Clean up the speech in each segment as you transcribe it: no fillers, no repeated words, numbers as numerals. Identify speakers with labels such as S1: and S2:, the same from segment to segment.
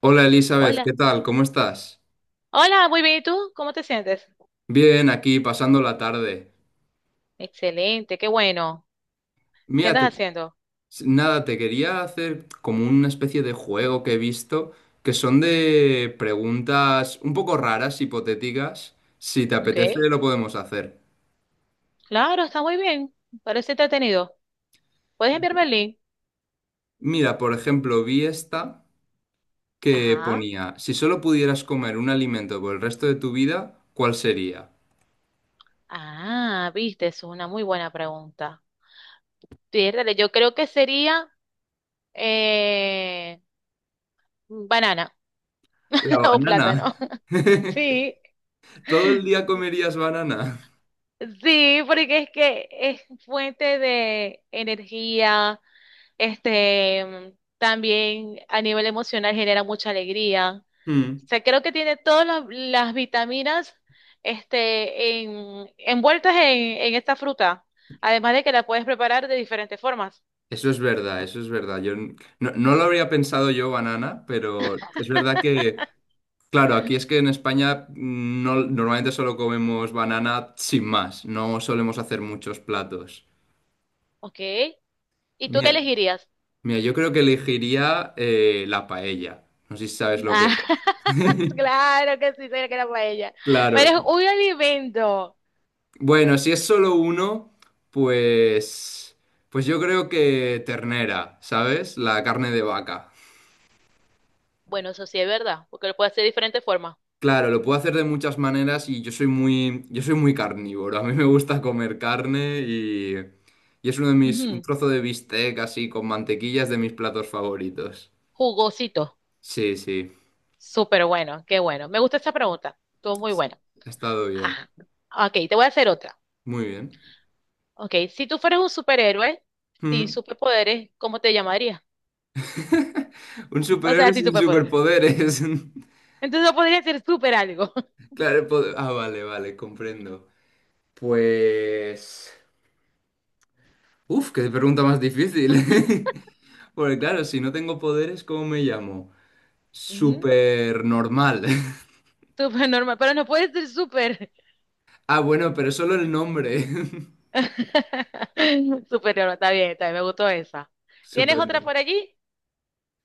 S1: Hola Elizabeth, ¿qué
S2: Hola,
S1: tal? ¿Cómo estás?
S2: hola, muy bien, ¿y tú? ¿Cómo te sientes?
S1: Bien, aquí pasando la tarde.
S2: Excelente, qué bueno. ¿Qué
S1: Mira,
S2: andas haciendo?
S1: nada, te quería hacer como una especie de juego que he visto, que son de preguntas un poco raras, hipotéticas. Si te
S2: Ok,
S1: apetece, lo podemos hacer.
S2: claro, está muy bien, parece entretenido. ¿Puedes enviarme el link?
S1: Mira, por ejemplo, vi esta que
S2: Ajá,
S1: ponía, si solo pudieras comer un alimento por el resto de tu vida, ¿cuál sería?
S2: ah, viste, es una muy buena pregunta. Piérdale, yo creo que sería eh, banana
S1: La
S2: o plátano.
S1: banana.
S2: Sí,
S1: ¿Todo el día comerías banana?
S2: sí, porque es que es fuente de energía. Este, también a nivel emocional genera mucha alegría. O
S1: Hmm.
S2: sea, creo que tiene todas las vitaminas, este, envueltas en esta fruta. Además de que la puedes preparar de diferentes formas.
S1: Eso es verdad, eso es verdad. Yo no lo habría pensado yo, banana, pero es verdad que, claro, aquí es que en España mm, no, normalmente solo comemos banana sin más, no solemos hacer muchos platos.
S2: ¿Ok? ¿Y tú qué
S1: Mira,
S2: elegirías?
S1: mira, yo creo que elegiría la paella. No sé si sabes lo
S2: Ah,
S1: que es.
S2: claro que sí, sería que era paella.
S1: Claro.
S2: Pero es un alimento.
S1: Bueno, si es solo uno, pues, pues yo creo que ternera, ¿sabes? La carne de vaca.
S2: Bueno, eso sí es verdad, porque lo puedes hacer de diferentes formas.
S1: Claro, lo puedo hacer de muchas maneras y yo soy muy carnívoro. A mí me gusta comer carne y es uno de mis, un
S2: Ujú.
S1: trozo de bistec así con mantequilla es de mis platos favoritos.
S2: Jugosito.
S1: Sí, sí,
S2: Súper bueno, qué bueno. Me gusta esa pregunta. Estuvo muy buena.
S1: ha estado bien,
S2: Ajá. Ok, te voy a hacer otra.
S1: muy bien.
S2: Ok, si tú fueras un superhéroe sin
S1: Mm.
S2: superpoderes, ¿cómo te llamarías?
S1: Un
S2: O
S1: superhéroe
S2: sea, sin
S1: sin
S2: superpoderes.
S1: superpoderes.
S2: Entonces no podría ser super algo.
S1: Claro, vale, vale, comprendo. Pues, uf, qué pregunta más difícil. Porque claro, si no tengo poderes, ¿cómo me llamo?
S2: Ujú.
S1: Super normal.
S2: Super normal, pero no puede ser super.
S1: Ah, bueno, pero solo el nombre.
S2: Super normal, está bien, me gustó esa. ¿Tienes
S1: Súper.
S2: otra por allí?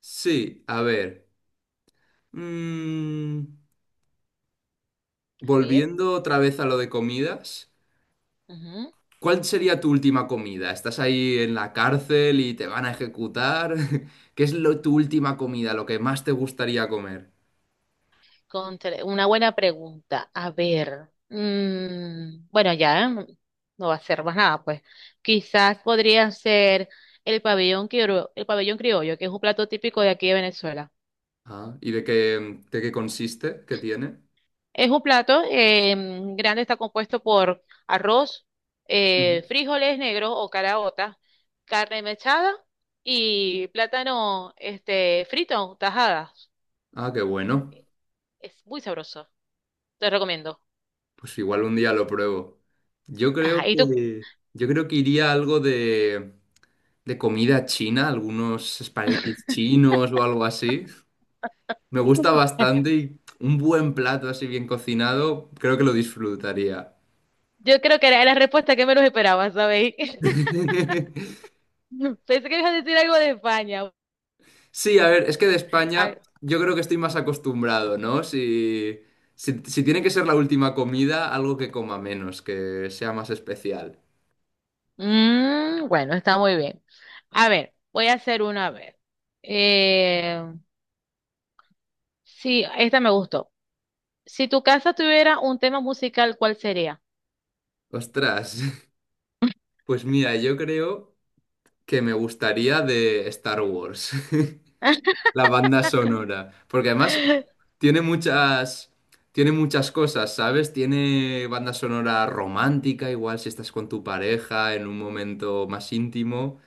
S1: Sí, a ver. Mm,
S2: A ver.
S1: volviendo otra vez a lo de comidas. ¿Cuál sería tu última comida? ¿Estás ahí en la cárcel y te van a ejecutar? ¿Qué es lo, tu última comida, lo que más te gustaría comer?
S2: Una buena pregunta. A ver, mm, bueno, ya ¿eh? No va a ser más nada, pues. Quizás podría ser el pabellón criollo, que es un plato típico de aquí de Venezuela.
S1: Ah, ¿y de qué consiste? ¿Qué tiene?
S2: Es un plato grande, está compuesto por arroz,
S1: Mm.
S2: frijoles negros o caraotas, carne mechada y plátano este, frito, tajadas.
S1: Ah, qué bueno.
S2: Es muy sabroso, te recomiendo.
S1: Pues igual un día lo pruebo. Yo creo
S2: Ajá, ¿y tú?
S1: que, yo creo que iría algo de comida china, algunos espaguetis chinos o algo así. Me gusta bastante y un buen plato así bien cocinado, creo que lo disfrutaría.
S2: Yo creo que era la respuesta que menos esperaba, ¿sabéis? Pensé que ibas a decir algo de España.
S1: Sí, a ver, es que de
S2: Ah,
S1: España yo creo que estoy más acostumbrado, ¿no? Si, si tiene que ser la última comida, algo que coma menos, que sea más especial.
S2: mm, bueno, está muy bien. A ver, voy a hacer una a ver. Eh, sí, esta me gustó. Si tu casa tuviera un tema musical, ¿cuál sería?
S1: Ostras, pues mira, yo creo que me gustaría de Star Wars. La banda sonora. Porque además tiene muchas, tiene muchas cosas, ¿sabes? Tiene banda sonora romántica, igual si estás con tu pareja en un momento más íntimo.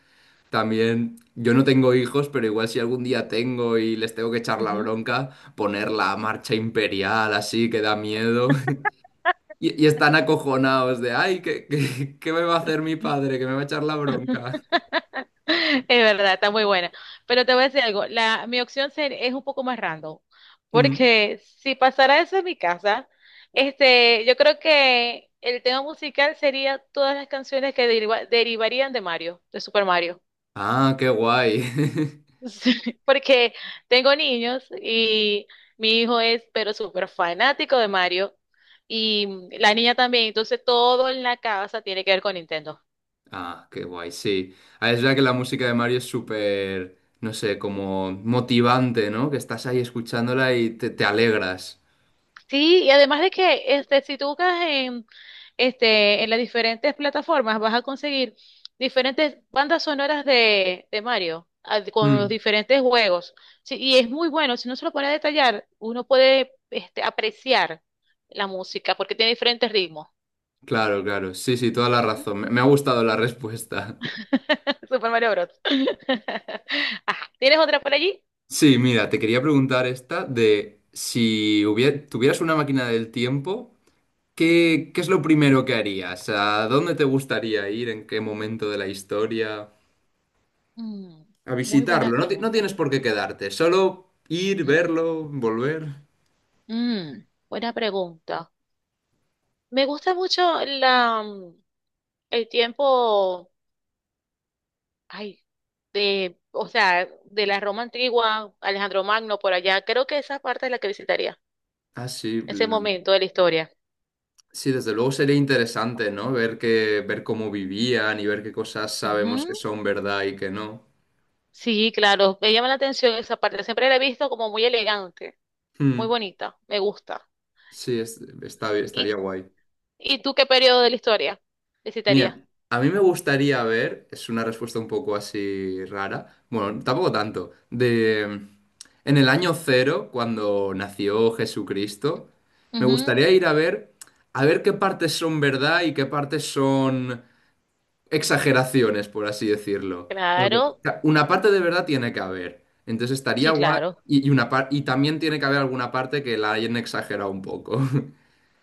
S1: También, yo no tengo hijos, pero igual si algún día tengo y les tengo que echar la
S2: Ujú.
S1: bronca, poner la marcha imperial así que da miedo. Y, y están acojonados de, ay, ¿qué, qué, qué me va a hacer mi padre? Que me va a echar la bronca.
S2: Es verdad, está muy buena. Pero te voy a decir algo, la, mi opción es un poco más random,
S1: Mm.
S2: porque si pasara eso en mi casa, este, yo creo que el tema musical sería todas las canciones que derivarían de Mario, de Super Mario.
S1: Ah, qué guay.
S2: Sí, porque tengo niños y mi hijo es pero súper fanático de Mario y la niña también, entonces todo en la casa tiene que ver con Nintendo.
S1: Ah, qué guay, sí. Ah, es verdad que la música de Mario es súper, no sé, como motivante, ¿no? Que estás ahí escuchándola y te alegras.
S2: Sí, y además de que este, si tú buscas en este, en las diferentes plataformas vas a conseguir diferentes bandas sonoras de Mario, ah, con los
S1: Mm.
S2: diferentes juegos. Sí, y es muy bueno, si no se lo pone a detallar, uno puede este, apreciar la música porque tiene diferentes ritmos.
S1: Claro, claro. Sí, sí, toda la
S2: Ujú.
S1: razón. Me ha gustado la respuesta.
S2: Super Mario Bros. Ajá, ¿tienes otra por allí?
S1: Sí, mira, te quería preguntar esta de si tuvieras una máquina del tiempo, ¿qué, qué es lo primero que harías? ¿A dónde te gustaría ir? ¿En qué momento de la historia?
S2: Mm,
S1: A
S2: muy
S1: visitarlo.
S2: buena
S1: No, no
S2: pregunta.
S1: tienes por qué quedarte, solo ir, verlo, volver.
S2: Mm, buena pregunta. Me gusta mucho la, mm, el tiempo. Ay, de, o sea, de la Roma antigua, Alejandro Magno por allá. Creo que esa parte es la que visitaría,
S1: Ah, sí,
S2: ese
S1: l-
S2: momento de la historia.
S1: sí, desde luego sería interesante, ¿no? Ver que, ver cómo vivían y ver qué cosas sabemos que
S2: Ujú.
S1: son verdad y que no.
S2: Sí, claro, me llama la atención esa parte. Siempre la he visto como muy elegante, muy
S1: Hmm,
S2: bonita, me gusta.
S1: sí, está,
S2: ¿Y,
S1: estaría guay.
S2: y tú qué periodo de la historia
S1: Mira,
S2: visitarías?
S1: a mí me gustaría ver, es una respuesta un poco así rara, bueno, tampoco tanto, en el año cero, cuando nació Jesucristo, me
S2: Ujú.
S1: gustaría ir a ver qué partes son verdad y qué partes son exageraciones, por así decirlo. Porque o
S2: Claro,
S1: sea, una parte de verdad tiene que haber. Entonces estaría
S2: sí,
S1: guay.
S2: claro.
S1: Y y también tiene que haber alguna parte que la hayan exagerado un poco.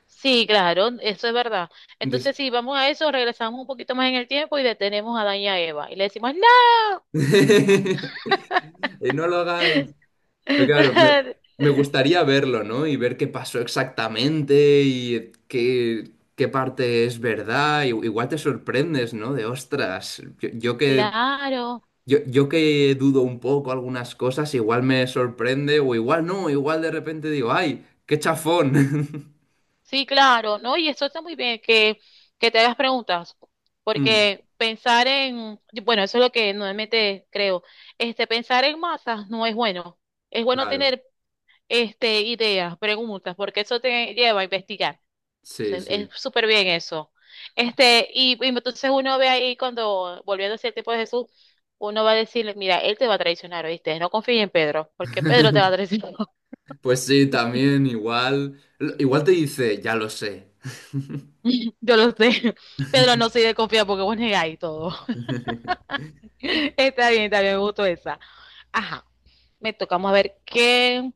S2: Sí, claro, eso es verdad.
S1: Entonces.
S2: Entonces, si vamos a eso, regresamos un poquito más en el tiempo y detenemos a Daña Eva y le decimos, ¡no!
S1: eh, No lo hagáis. Pero claro, me gustaría verlo, ¿no? Y ver qué pasó exactamente y qué, qué parte es verdad. Igual te sorprendes, ¿no? De ostras, yo que
S2: Claro.
S1: yo que dudo un poco algunas cosas, igual me sorprende o igual no, igual de repente digo, ¡ay, qué chafón!
S2: Sí, claro, ¿no? Y eso está muy bien, que te hagas preguntas,
S1: Hmm,
S2: porque pensar en, bueno, eso es lo que normalmente creo, este, pensar en masas no es bueno, es bueno
S1: claro,
S2: tener este, ideas, preguntas, porque eso te lleva a investigar. O
S1: sí,
S2: sea, es
S1: sí.
S2: súper bien eso. Este, y entonces uno ve ahí cuando, volviendo hacia el tiempo de Jesús, uno va a decirle, mira, él te va a traicionar, ¿oíste? No confíes en Pedro, porque Pedro te va a traicionar.
S1: Pues sí, también igual, igual te dice, ya lo sé.
S2: Yo lo sé. Pedro no se de confiar porque vos negáis todo. Está está bien, me gustó esa. Ajá, me tocamos a ver qué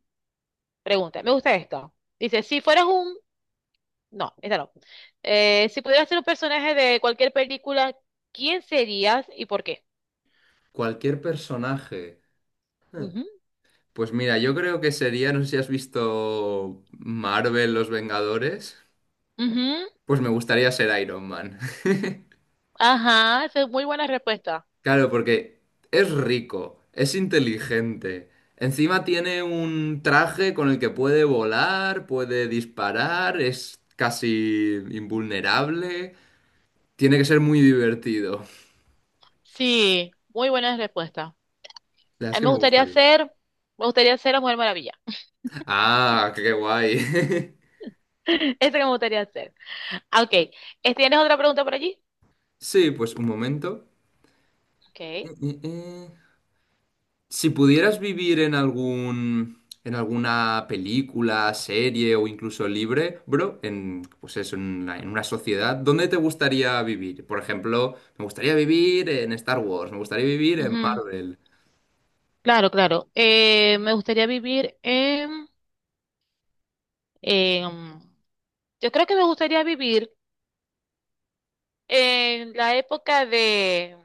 S2: pregunta. Me gusta esto. Dice, si fueras un... No, esta no. Si pudieras ser un personaje de cualquier película, ¿quién serías y por qué?
S1: Cualquier personaje.
S2: Ujú,
S1: Pues mira, yo creo que sería, no sé si has visto Marvel, Los Vengadores,
S2: ujú.
S1: pues me gustaría ser Iron Man.
S2: Ajá, esa es muy buena respuesta.
S1: Claro, porque es rico, es inteligente. Encima tiene un traje con el que puede volar, puede disparar, es casi invulnerable. Tiene que ser muy divertido.
S2: Sí, muy buena respuesta.
S1: La verdad
S2: A
S1: es
S2: mí
S1: que me gustaría.
S2: me gustaría ser la Mujer Maravilla.
S1: Ah, qué guay.
S2: Esa que me gustaría ser. Ah, ok, ¿tienes otra pregunta por allí?
S1: Sí, pues un momento. Eh,
S2: Ok.
S1: eh, eh. Si pudieras vivir en algún, en alguna película, serie o incluso libre, bro, en, pues eso, en una sociedad, ¿dónde te gustaría vivir? Por ejemplo, me gustaría vivir en Star Wars, me gustaría vivir en
S2: Ujú.
S1: Marvel.
S2: Claro, claro. Me gustaría vivir en, en- Yo creo que me gustaría vivir en la época de...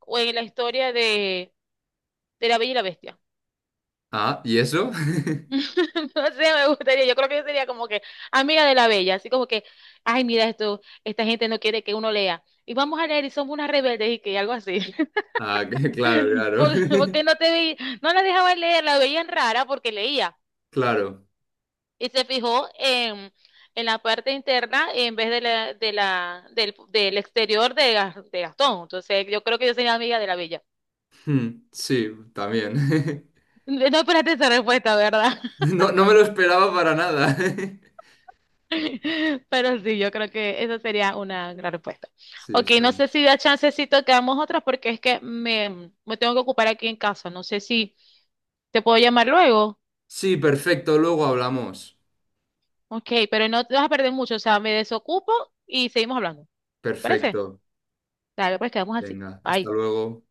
S2: o en la historia de la Bella y la Bestia.
S1: Ah, ¿y eso?
S2: No sé, me gustaría. Yo creo que yo sería como que amiga de la Bella. Así como que, ay, mira esto, esta gente no quiere que uno lea. Y vamos a leer y somos unas rebeldes y que algo así.
S1: Ah, claro, claro.
S2: Porque no te vi, no la dejaban leer, la veían rara porque leía.
S1: Claro.
S2: Y se fijó en la parte interna en vez de la, del, del exterior de, de Gastón. Entonces, yo creo que yo soy amiga de la bella.
S1: Hmm, sí, también.
S2: No esperaste esa respuesta, ¿verdad?
S1: No, no me lo esperaba para nada.
S2: Pero sí, yo creo que esa sería una gran respuesta.
S1: Sí,
S2: Ok,
S1: está
S2: no
S1: bien.
S2: sé si da chancecito que hagamos otras porque es que me tengo que ocupar aquí en casa. No sé si te puedo llamar luego.
S1: Sí, perfecto, luego hablamos.
S2: Ok, pero no te vas a perder mucho. O sea, me desocupo y seguimos hablando. ¿Te parece?
S1: Perfecto.
S2: Dale, pues quedamos así.
S1: Venga, hasta
S2: Bye.
S1: luego.